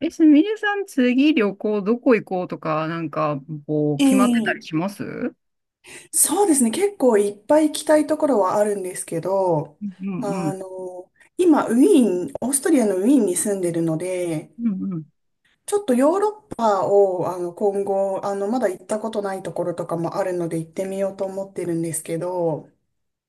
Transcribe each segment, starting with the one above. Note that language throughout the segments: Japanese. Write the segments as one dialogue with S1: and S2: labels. S1: すみれさん、次旅行どこ行こうとか、
S2: え
S1: 決まってた
S2: え、
S1: りします？うん
S2: そうですね。結構いっぱい行きたいところはあるんですけど、
S1: うんう
S2: あ
S1: ん。
S2: の、今、ウィーン、オーストリアのウィーンに住んでるので、
S1: うんうん。
S2: ちょっとヨーロッパを、今後、まだ行ったことないところとかもあるので行ってみようと思ってるんですけど、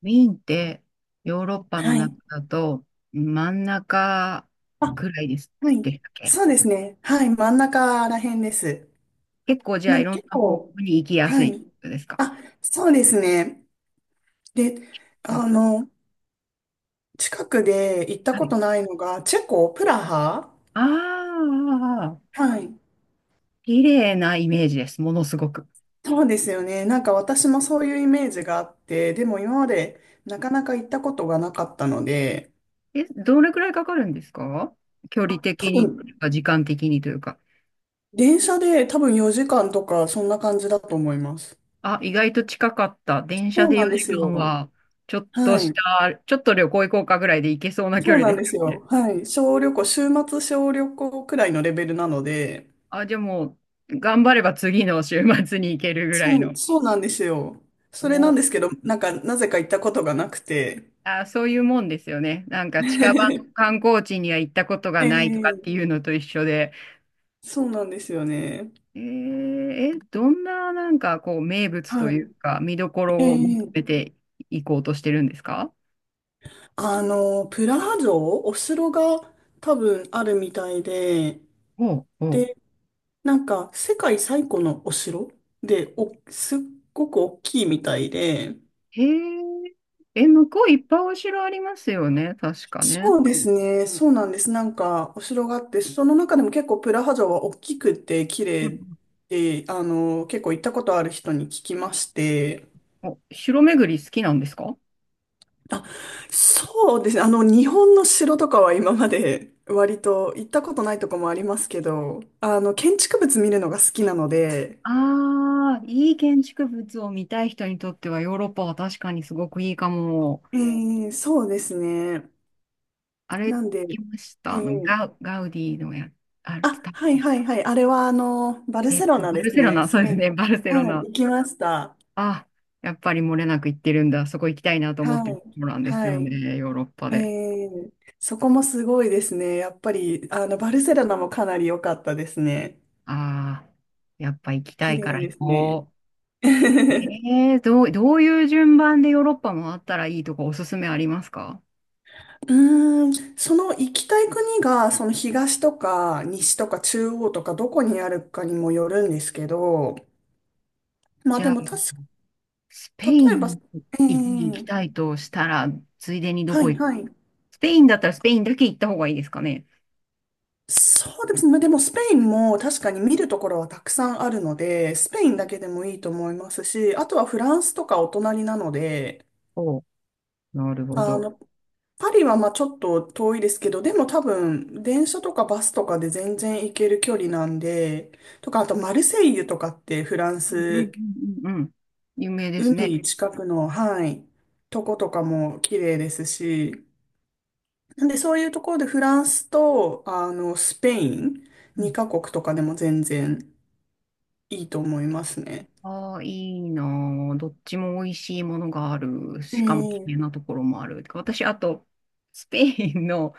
S1: ウィーンって、ヨーロッパの
S2: は
S1: 中
S2: い。
S1: だと、真ん中
S2: あ、
S1: くらいです。
S2: は
S1: で
S2: い。
S1: したっけ？
S2: そうですね。はい。真ん中ら辺です。
S1: 結構、じゃ
S2: な
S1: あ、
S2: ん
S1: い
S2: で
S1: ろん
S2: 結
S1: な方向
S2: 構、
S1: に行きやす
S2: は
S1: い
S2: い。
S1: ですか？
S2: あ、そうですね。で、
S1: こう
S2: あの、近くで行った
S1: は
S2: こ
S1: い。
S2: とないのが、チェコ、プラハ。
S1: ああ、
S2: はい。
S1: 綺麗なイメージです。ものすごく。
S2: そうですよね。なんか私もそういうイメージがあって、でも今までなかなか行ったことがなかったので、
S1: え、どれくらいかかるんですか？距離的
S2: 多
S1: に、
S2: 分、
S1: 時間的にというか。
S2: 電車で4時間とかそんな感じだと思います。
S1: あ、意外と近かった。電車
S2: そう
S1: で
S2: なんで
S1: 4
S2: す
S1: 時間
S2: よ。
S1: は、
S2: はい。
S1: ちょっと旅行行こうかぐらいで行けそうな距
S2: そう
S1: 離
S2: な
S1: で
S2: ん
S1: す
S2: です
S1: よ
S2: よ。
S1: ね。
S2: はい。小旅行、週末小旅行くらいのレベルなので、
S1: あ、じゃあ頑張れば次の週末に行けるぐらいの。
S2: そうなんですよ。それなん
S1: お、
S2: ですけど、なんかなぜか行ったことがなくて。
S1: あ、そういうもんですよね。なんか近場の 観光地には行ったことがないとかって
S2: ええ、
S1: いうのと一緒で。
S2: そうなんですよね。
S1: えーえ、どんな名物と
S2: は
S1: いうか見どこ
S2: い。え
S1: ろを求
S2: え、
S1: めていこうとしてるんですか？
S2: プラハ城、お城が多分あるみたいで、
S1: おうお
S2: で、なんか世界最古のお城で、すっごく大きいみたいで、
S1: へえ。え、向こういっぱいお城ありますよね、確かね。
S2: そうですね、そうなんです。なんかお城があって、その中でも結構プラハ城は大きくて綺
S1: う
S2: 麗
S1: ん。
S2: で、結構行ったことある人に聞きまして、
S1: お、城巡り好きなんですか？
S2: あ、そうですね。日本の城とかは今まで割と行ったことないとこもありますけど、建築物見るのが好きなので、
S1: ああー、いい建築物を見たい人にとってはヨーロッパは確かにすごくいいかも。
S2: そうですね。
S1: あれ、聞
S2: なんで、
S1: きまし
S2: え
S1: た。
S2: ー、
S1: ガウディのあれ、
S2: あ、
S1: 伝わ
S2: はいはいはい。あれはあの、バル
S1: えっ
S2: セロ
S1: と、
S2: ナ
S1: バ
S2: で
S1: ル
S2: す
S1: セロ
S2: ね。
S1: ナ、
S2: ス
S1: そう
S2: ペ
S1: で
S2: イ
S1: す
S2: ン。
S1: ね、バルセロ
S2: はい、
S1: ナ。
S2: 行きました。
S1: あ、やっぱり漏れなく行ってるんだ。そこ行きたいなと思って
S2: は
S1: る
S2: い。
S1: ところなんです
S2: は
S1: よ
S2: い。
S1: ね、ヨーロッパ
S2: え
S1: で。
S2: ー、そこもすごいですね。やっぱり、バルセロナもかなり良かったですね。
S1: ああ、やっぱ行きた
S2: 綺
S1: いか
S2: 麗
S1: ら行
S2: ですね。
S1: こう。どういう順番でヨーロッパ回ったらいいとかおすすめありますか？
S2: うーん、その行きたい国が、その東とか西とか中央とかどこにあるかにもよるんですけど、まあ
S1: じ
S2: で
S1: ゃ
S2: も
S1: あ、
S2: 確
S1: スペ
S2: か、
S1: イ
S2: 例えば、
S1: ン
S2: ええ、
S1: に行きたいとしたら、ついでにど
S2: は
S1: こ
S2: い
S1: 行く？
S2: はい。
S1: スペインだったらスペインだけ行った方がいいですかね？
S2: そうですね。まあでもスペインも確かに見るところはたくさんあるので、スペインだけでもいいと思いますし、あとはフランスとかお隣なので、
S1: おう、なるほ
S2: あ
S1: ど。
S2: の、パリはまあちょっと遠いですけど、でも多分電車とかバスとかで全然行ける距離なんで、とかあとマルセイユとかってフラン
S1: うん
S2: ス、
S1: うんうんうん。有名ですね。
S2: 海近くの、はい、とことかも綺麗ですし、なんでそういうところでフランスとあのスペイン
S1: うん、
S2: 2カ国とかでも全然いいと思いますね。
S1: ああ、いいなあ、どっちも美味しいものがある。
S2: え
S1: しかも綺麗な
S2: え、
S1: ところもある。私、あと、スペインの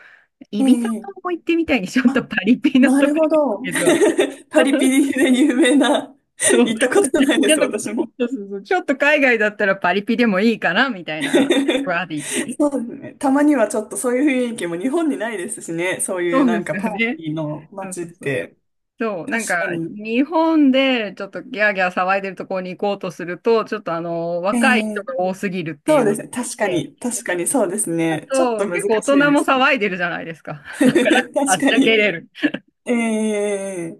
S2: え
S1: イビサ
S2: え、
S1: 島も行ってみたいに、ちょっ
S2: あ、
S1: とパリピな
S2: な
S1: と
S2: る
S1: ころ
S2: ほ
S1: です
S2: ど。
S1: けど。
S2: パリピ リで有名な、行ったことないで
S1: ちょっ
S2: す、
S1: と、
S2: 私も。
S1: そうちょっと海外だったらパリピでもいいかなみたいな、バディ。
S2: そうですね。たまにはちょっとそういう雰囲気も日本にないですしね。そうい
S1: そ
S2: う
S1: う
S2: な
S1: で
S2: ん
S1: す
S2: かパ
S1: よ
S2: ー
S1: ね。
S2: ティーの
S1: そう
S2: 街っ
S1: そうそう。
S2: て。
S1: そう、なん
S2: 確
S1: か、
S2: かに。
S1: 日本でちょっとギャーギャー騒いでるところに行こうとすると、ちょっと
S2: え
S1: 若い人
S2: ー、
S1: が多すぎるってい
S2: そ
S1: う
S2: うで
S1: の
S2: すね。確か
S1: で、
S2: に。確かにそうです
S1: あ
S2: ね。ちょっと
S1: と、
S2: 難
S1: 結
S2: し
S1: 構大
S2: い
S1: 人
S2: で
S1: も
S2: すね。
S1: 騒いでるじゃないですか。
S2: 確
S1: あっ
S2: か
S1: ちゃけ
S2: に。
S1: れる。
S2: え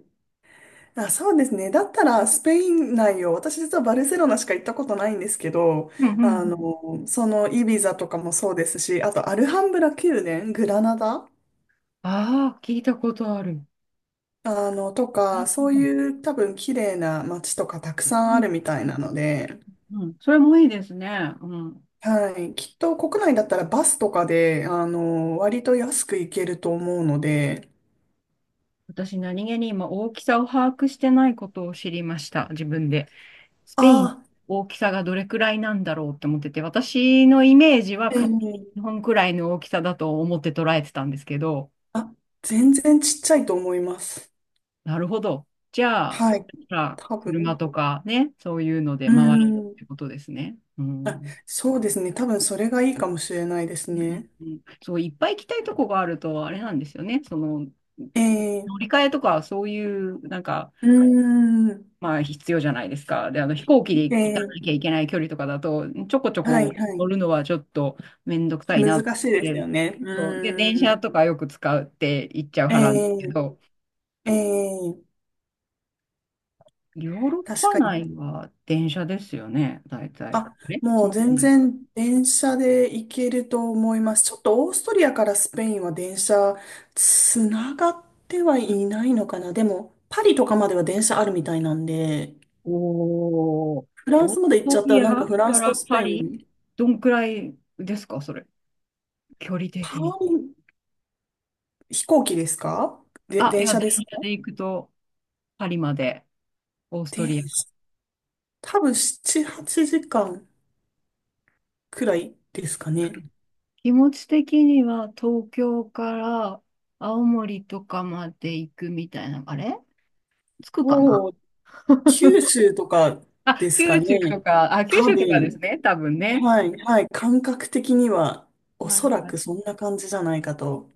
S2: あ、そうですね。だったらスペイン内を、私実はバルセロナしか行ったことないんですけど、
S1: うんうん
S2: あ
S1: うん。
S2: の、そのイビザとかもそうですし、あとアルハンブラ宮殿、グラナダ、
S1: ああ、聞いたことある。
S2: と
S1: う
S2: か、
S1: ん
S2: そう
S1: うん
S2: いう多分綺麗な街とかたくさん
S1: うんう
S2: あ
S1: ん
S2: るみたいなので、
S1: うん、それもいいですね。うん。
S2: はい、きっと国内だったらバスとかで、割と安く行けると思うので、
S1: 私、何気に今、大きさを把握してないことを知りました、自分で。ス
S2: あ
S1: ペイン、
S2: あ、
S1: 大きさがどれくらいなんだろうって思ってて、私のイメージは
S2: え
S1: 勝手に
S2: え、
S1: 日本くらいの大きさだと思って捉えてたんですけど、
S2: あ、全然ちっちゃいと思います。
S1: なるほど。じゃあ、
S2: は
S1: そし
S2: い、
S1: たら
S2: 多
S1: 車
S2: 分。
S1: とかね、そういうので
S2: う
S1: 回るっ
S2: ん、
S1: てことですね。うん。
S2: そうですね、多分それがいいかもしれないですね。
S1: うん、そう、いっぱい行きたいとこがあると、あれなんですよね。その、
S2: え
S1: 乗
S2: え、
S1: り換えとか、そういう、
S2: うん、
S1: まあ必要じゃないですか。で、あの飛行機で
S2: え
S1: 行かなきゃ
S2: え、
S1: いけない距離とかだと、ちょこちょ
S2: はい、
S1: こ
S2: は
S1: 乗る
S2: い。
S1: のはちょっとめんどくさいなっ
S2: 難しいですよ
S1: て。
S2: ね。
S1: そうで、
S2: う
S1: 電車
S2: ん、
S1: とかよく使うって言っちゃう
S2: え
S1: 派なんですけど、
S2: え、ええ、
S1: ヨーロッ
S2: 確
S1: パ
S2: か
S1: 内
S2: に。
S1: は電車ですよね、大体。
S2: あ、
S1: え、そ
S2: も
S1: ん
S2: う
S1: なこと
S2: 全
S1: ないか。
S2: 然電車で行けると思います。ちょっとオーストリアからスペインは電車つながってはいないのかな。でも、パリとかまでは電車あるみたいなんで、
S1: おー、
S2: フラン
S1: オー
S2: ス
S1: ス
S2: まで行っち
S1: ト
S2: ゃった
S1: リ
S2: ら
S1: ア
S2: なんかフラン
S1: か
S2: ス
S1: ら
S2: とス
S1: パ
S2: ペイ
S1: リ
S2: ン、
S1: どんくらいですか、それ。距離
S2: パ
S1: 的に。
S2: リ、飛行機ですか、で、
S1: あ、い
S2: 電
S1: や、
S2: 車
S1: 電
S2: ですか。
S1: 車で行くとパリまで、オースト
S2: 電
S1: リア。
S2: 車、多分7、8時間くらいですかね。
S1: 気持ち的には東京から青森とかまで行くみたいな、あれつくかな？
S2: もう、九州とか
S1: あ、
S2: です
S1: 九
S2: かね。
S1: 州とか、あ、九
S2: 多
S1: 州とかです
S2: 分。
S1: ね、多分ね。
S2: はい、はい、感覚的には、お
S1: は
S2: そ
S1: い
S2: ら
S1: はい。
S2: くそんな感じじゃないかと。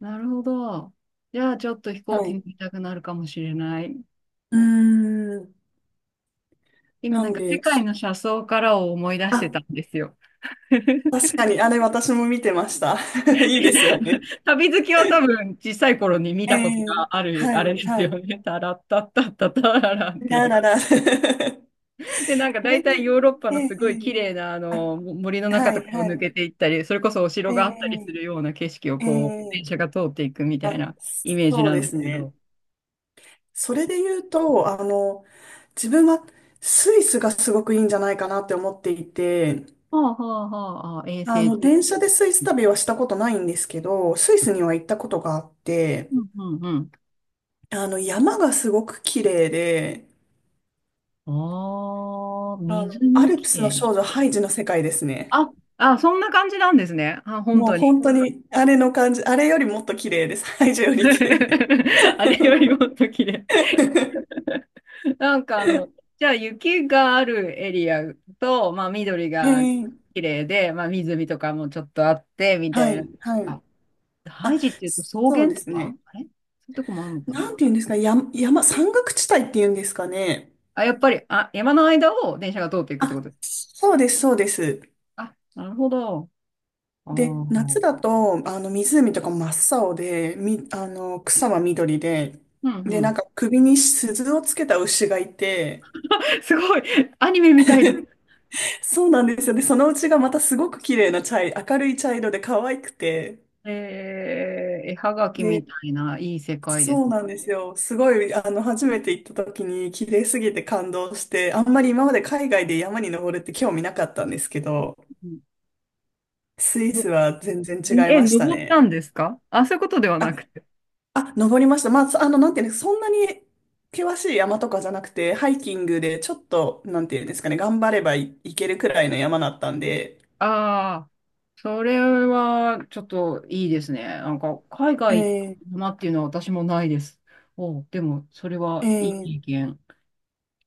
S1: なるほど。じゃあちょっと飛行
S2: はい。
S1: 機に
S2: う
S1: 行きたくなるかもしれない。
S2: ーん、
S1: 今
S2: な
S1: なん
S2: ん
S1: か世
S2: で、
S1: 界の車窓からを思い出して
S2: あ、
S1: たんですよ。
S2: 確かに、あれ私も見てました。いいですよね。
S1: 旅好きは多分小さい頃に見
S2: え
S1: たこと
S2: え、
S1: がある、
S2: は
S1: あれ
S2: い、
S1: です
S2: は
S1: よ
S2: い。
S1: ね。タラッタッタッタタラランってい
S2: ラ
S1: う。
S2: ララ。そ
S1: で、なんか大
S2: れ
S1: 体ヨー
S2: で、
S1: ロッパ
S2: え
S1: の
S2: え、
S1: すごい
S2: え
S1: 綺
S2: え、
S1: 麗なあ
S2: あ、
S1: の森の中
S2: は
S1: と
S2: い、
S1: かを
S2: は
S1: 抜けて
S2: い。
S1: いったり、それこそお
S2: え
S1: 城があったりす
S2: え、
S1: るような景色を
S2: え
S1: こう、電
S2: え、
S1: 車が通っていくみたい
S2: あ、
S1: なイメージ
S2: そう
S1: なん
S2: で
S1: です
S2: す
S1: け
S2: ね。
S1: ど。
S2: それで言うと、自分はスイスがすごくいいんじゃないかなって思っていて、
S1: はあはあはあ、あ、衛星重
S2: 電
S1: 視。
S2: 車でスイス旅はしたことないんですけど、スイスには行ったことがあって、
S1: うんうんうん。
S2: 山がすごく綺麗で、
S1: ああ、水
S2: ア
S1: も
S2: ル
S1: 綺
S2: プスの
S1: 麗
S2: 少
S1: じ
S2: 女
S1: ゃん。
S2: ハイジの世界ですね。
S1: あ、あ、そんな感じなんですね。あ、本
S2: もう
S1: 当に。
S2: 本当に、あれの感じ、あれよりもっと綺麗です。ハイジより綺麗です。
S1: あれよりもっと綺麗。なんかじゃあ雪があるエリアと、まあ緑
S2: え
S1: が
S2: え、
S1: 綺麗で、まあ湖とかもちょっとあって、みた
S2: は
S1: いな。
S2: い、は
S1: あ、
S2: い。
S1: ハ
S2: あ、
S1: イジっていうと草
S2: そう
S1: 原
S2: で
S1: と
S2: す
S1: か
S2: ね。
S1: あれそういうとこもあるのか
S2: な
S1: な？
S2: んて言うんですか、山岳地帯っていうんですかね。
S1: あ、やっぱり、あ、山の間を電車が通っていくってこ
S2: あ、
S1: と。
S2: そうです、そうです。
S1: あ、なるほど。ああ、
S2: で、夏
S1: うん
S2: だと、湖とか真っ青で、み、あの、草は緑で、
S1: う
S2: で、な
S1: ん。
S2: んか首に鈴をつけた牛がいて、
S1: すごい、アニメみたいな。
S2: そうなんですよ。で、そのうちがまたすごく綺麗な明るい茶色で可愛くて、
S1: えー、絵はがき
S2: で、
S1: みたいな、いい世界です
S2: そうな
S1: ね。
S2: んですよ。すごい、初めて行った時に綺麗すぎて感動して、あんまり今まで海外で山に登るって興味なかったんですけど、
S1: うん
S2: スイス
S1: の
S2: は全然違い
S1: え、
S2: ました
S1: 登った
S2: ね。
S1: んですか？あ、そういうことでは
S2: あ
S1: なくて。
S2: あ、登りました。まあ、そあの、なんていうんですか、そんなに険しい山とかじゃなくて、ハイキングでちょっと、なんていうんですかね、頑張ればいけるくらいの山だったんで、
S1: ああ、それはちょっといいですね。なんか海
S2: え
S1: 外行った
S2: え、
S1: なっていうのは私もないです。おう、でもそれ
S2: え
S1: はいい
S2: え、
S1: 経験。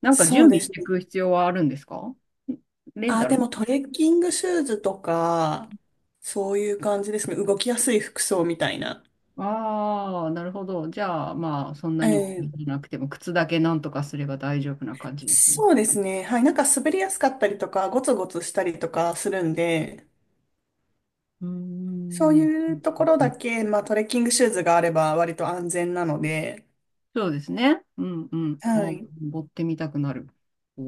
S1: なんか準
S2: そうで
S1: 備し
S2: す
S1: てい
S2: ね。
S1: く必要はあるんですか？レン
S2: あ、
S1: タ
S2: で
S1: ル。
S2: もトレッキングシューズとか、そういう感じですね。動きやすい服装みたいな。
S1: ああ、なるほど。じゃあまあそんな
S2: え
S1: に気
S2: え、
S1: になくても靴だけなんとかすれば大丈夫な感じですね。
S2: そうですね。はい。なんか滑りやすかったりとか、ゴツゴツしたりとかするんで、
S1: うー
S2: そう
S1: ん。
S2: いうところだけ、まあトレッキングシューズがあれば割と安全なので、
S1: そうですね。うんうん。あ
S2: は
S1: あ、
S2: い。
S1: 登ってみたくなる。お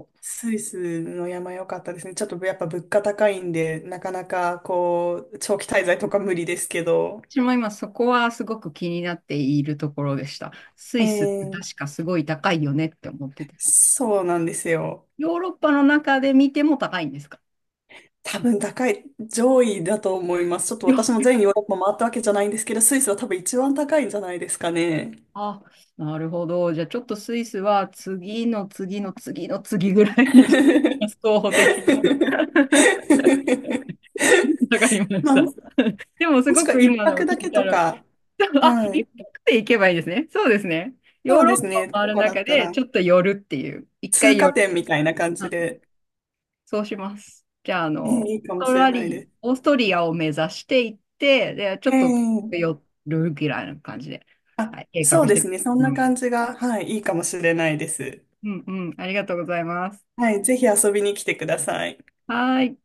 S1: お。
S2: スイスの山良かったですね。ちょっとやっぱ物価高いんで、なかなかこう、長期滞在とか無理ですけど、
S1: 私も今そこはすごく気になっているところでした。ス
S2: え
S1: イスって
S2: ー、
S1: 確かすごい高いよねって思ってて。
S2: そうなんですよ。
S1: ヨーロッパの中で見ても高いんですか？
S2: 多分高い、上位だと思います。ちょっと
S1: よ
S2: 私も全ヨーロッパ回ったわけじゃないんですけど、スイスは多分一番高いんじゃないですかね。
S1: あ、なるほど。じゃあちょっとスイスは次の次の次の次ぐらいに 候補的に ちょっと わかりまし
S2: まあ、
S1: た。
S2: も
S1: でもす
S2: もし
S1: ご
S2: くは
S1: く
S2: 一
S1: 今のを
S2: 泊だ
S1: 聞い
S2: け
S1: た
S2: と
S1: ら、
S2: か、
S1: であ、
S2: は
S1: 一
S2: い。
S1: 泊で行けばいいですね。そうですね。ヨ
S2: そ
S1: ー
S2: う
S1: ロ
S2: で
S1: ッ
S2: す
S1: パを
S2: ね。
S1: 回
S2: と
S1: る
S2: かだっ
S1: 中
S2: た
S1: で
S2: ら、
S1: ちょっと寄るっていう。一
S2: 通
S1: 回
S2: 過
S1: 寄る。
S2: 点みたいな感じで、
S1: そうします。じゃあ、あの、
S2: いいかもしれないです。
S1: オーストリアを目指していって、で、ちょっと
S2: ええ、
S1: 寄るぐらいな感じで、
S2: あ、
S1: はい、計
S2: そ
S1: 画
S2: う
S1: し
S2: で
S1: ていき
S2: すね。そんな
S1: ま
S2: 感
S1: す。
S2: じが、はい、いいかもしれないです。
S1: うんうん、ありがとうございます。
S2: はい、ぜひ遊びに来てください。
S1: はーい。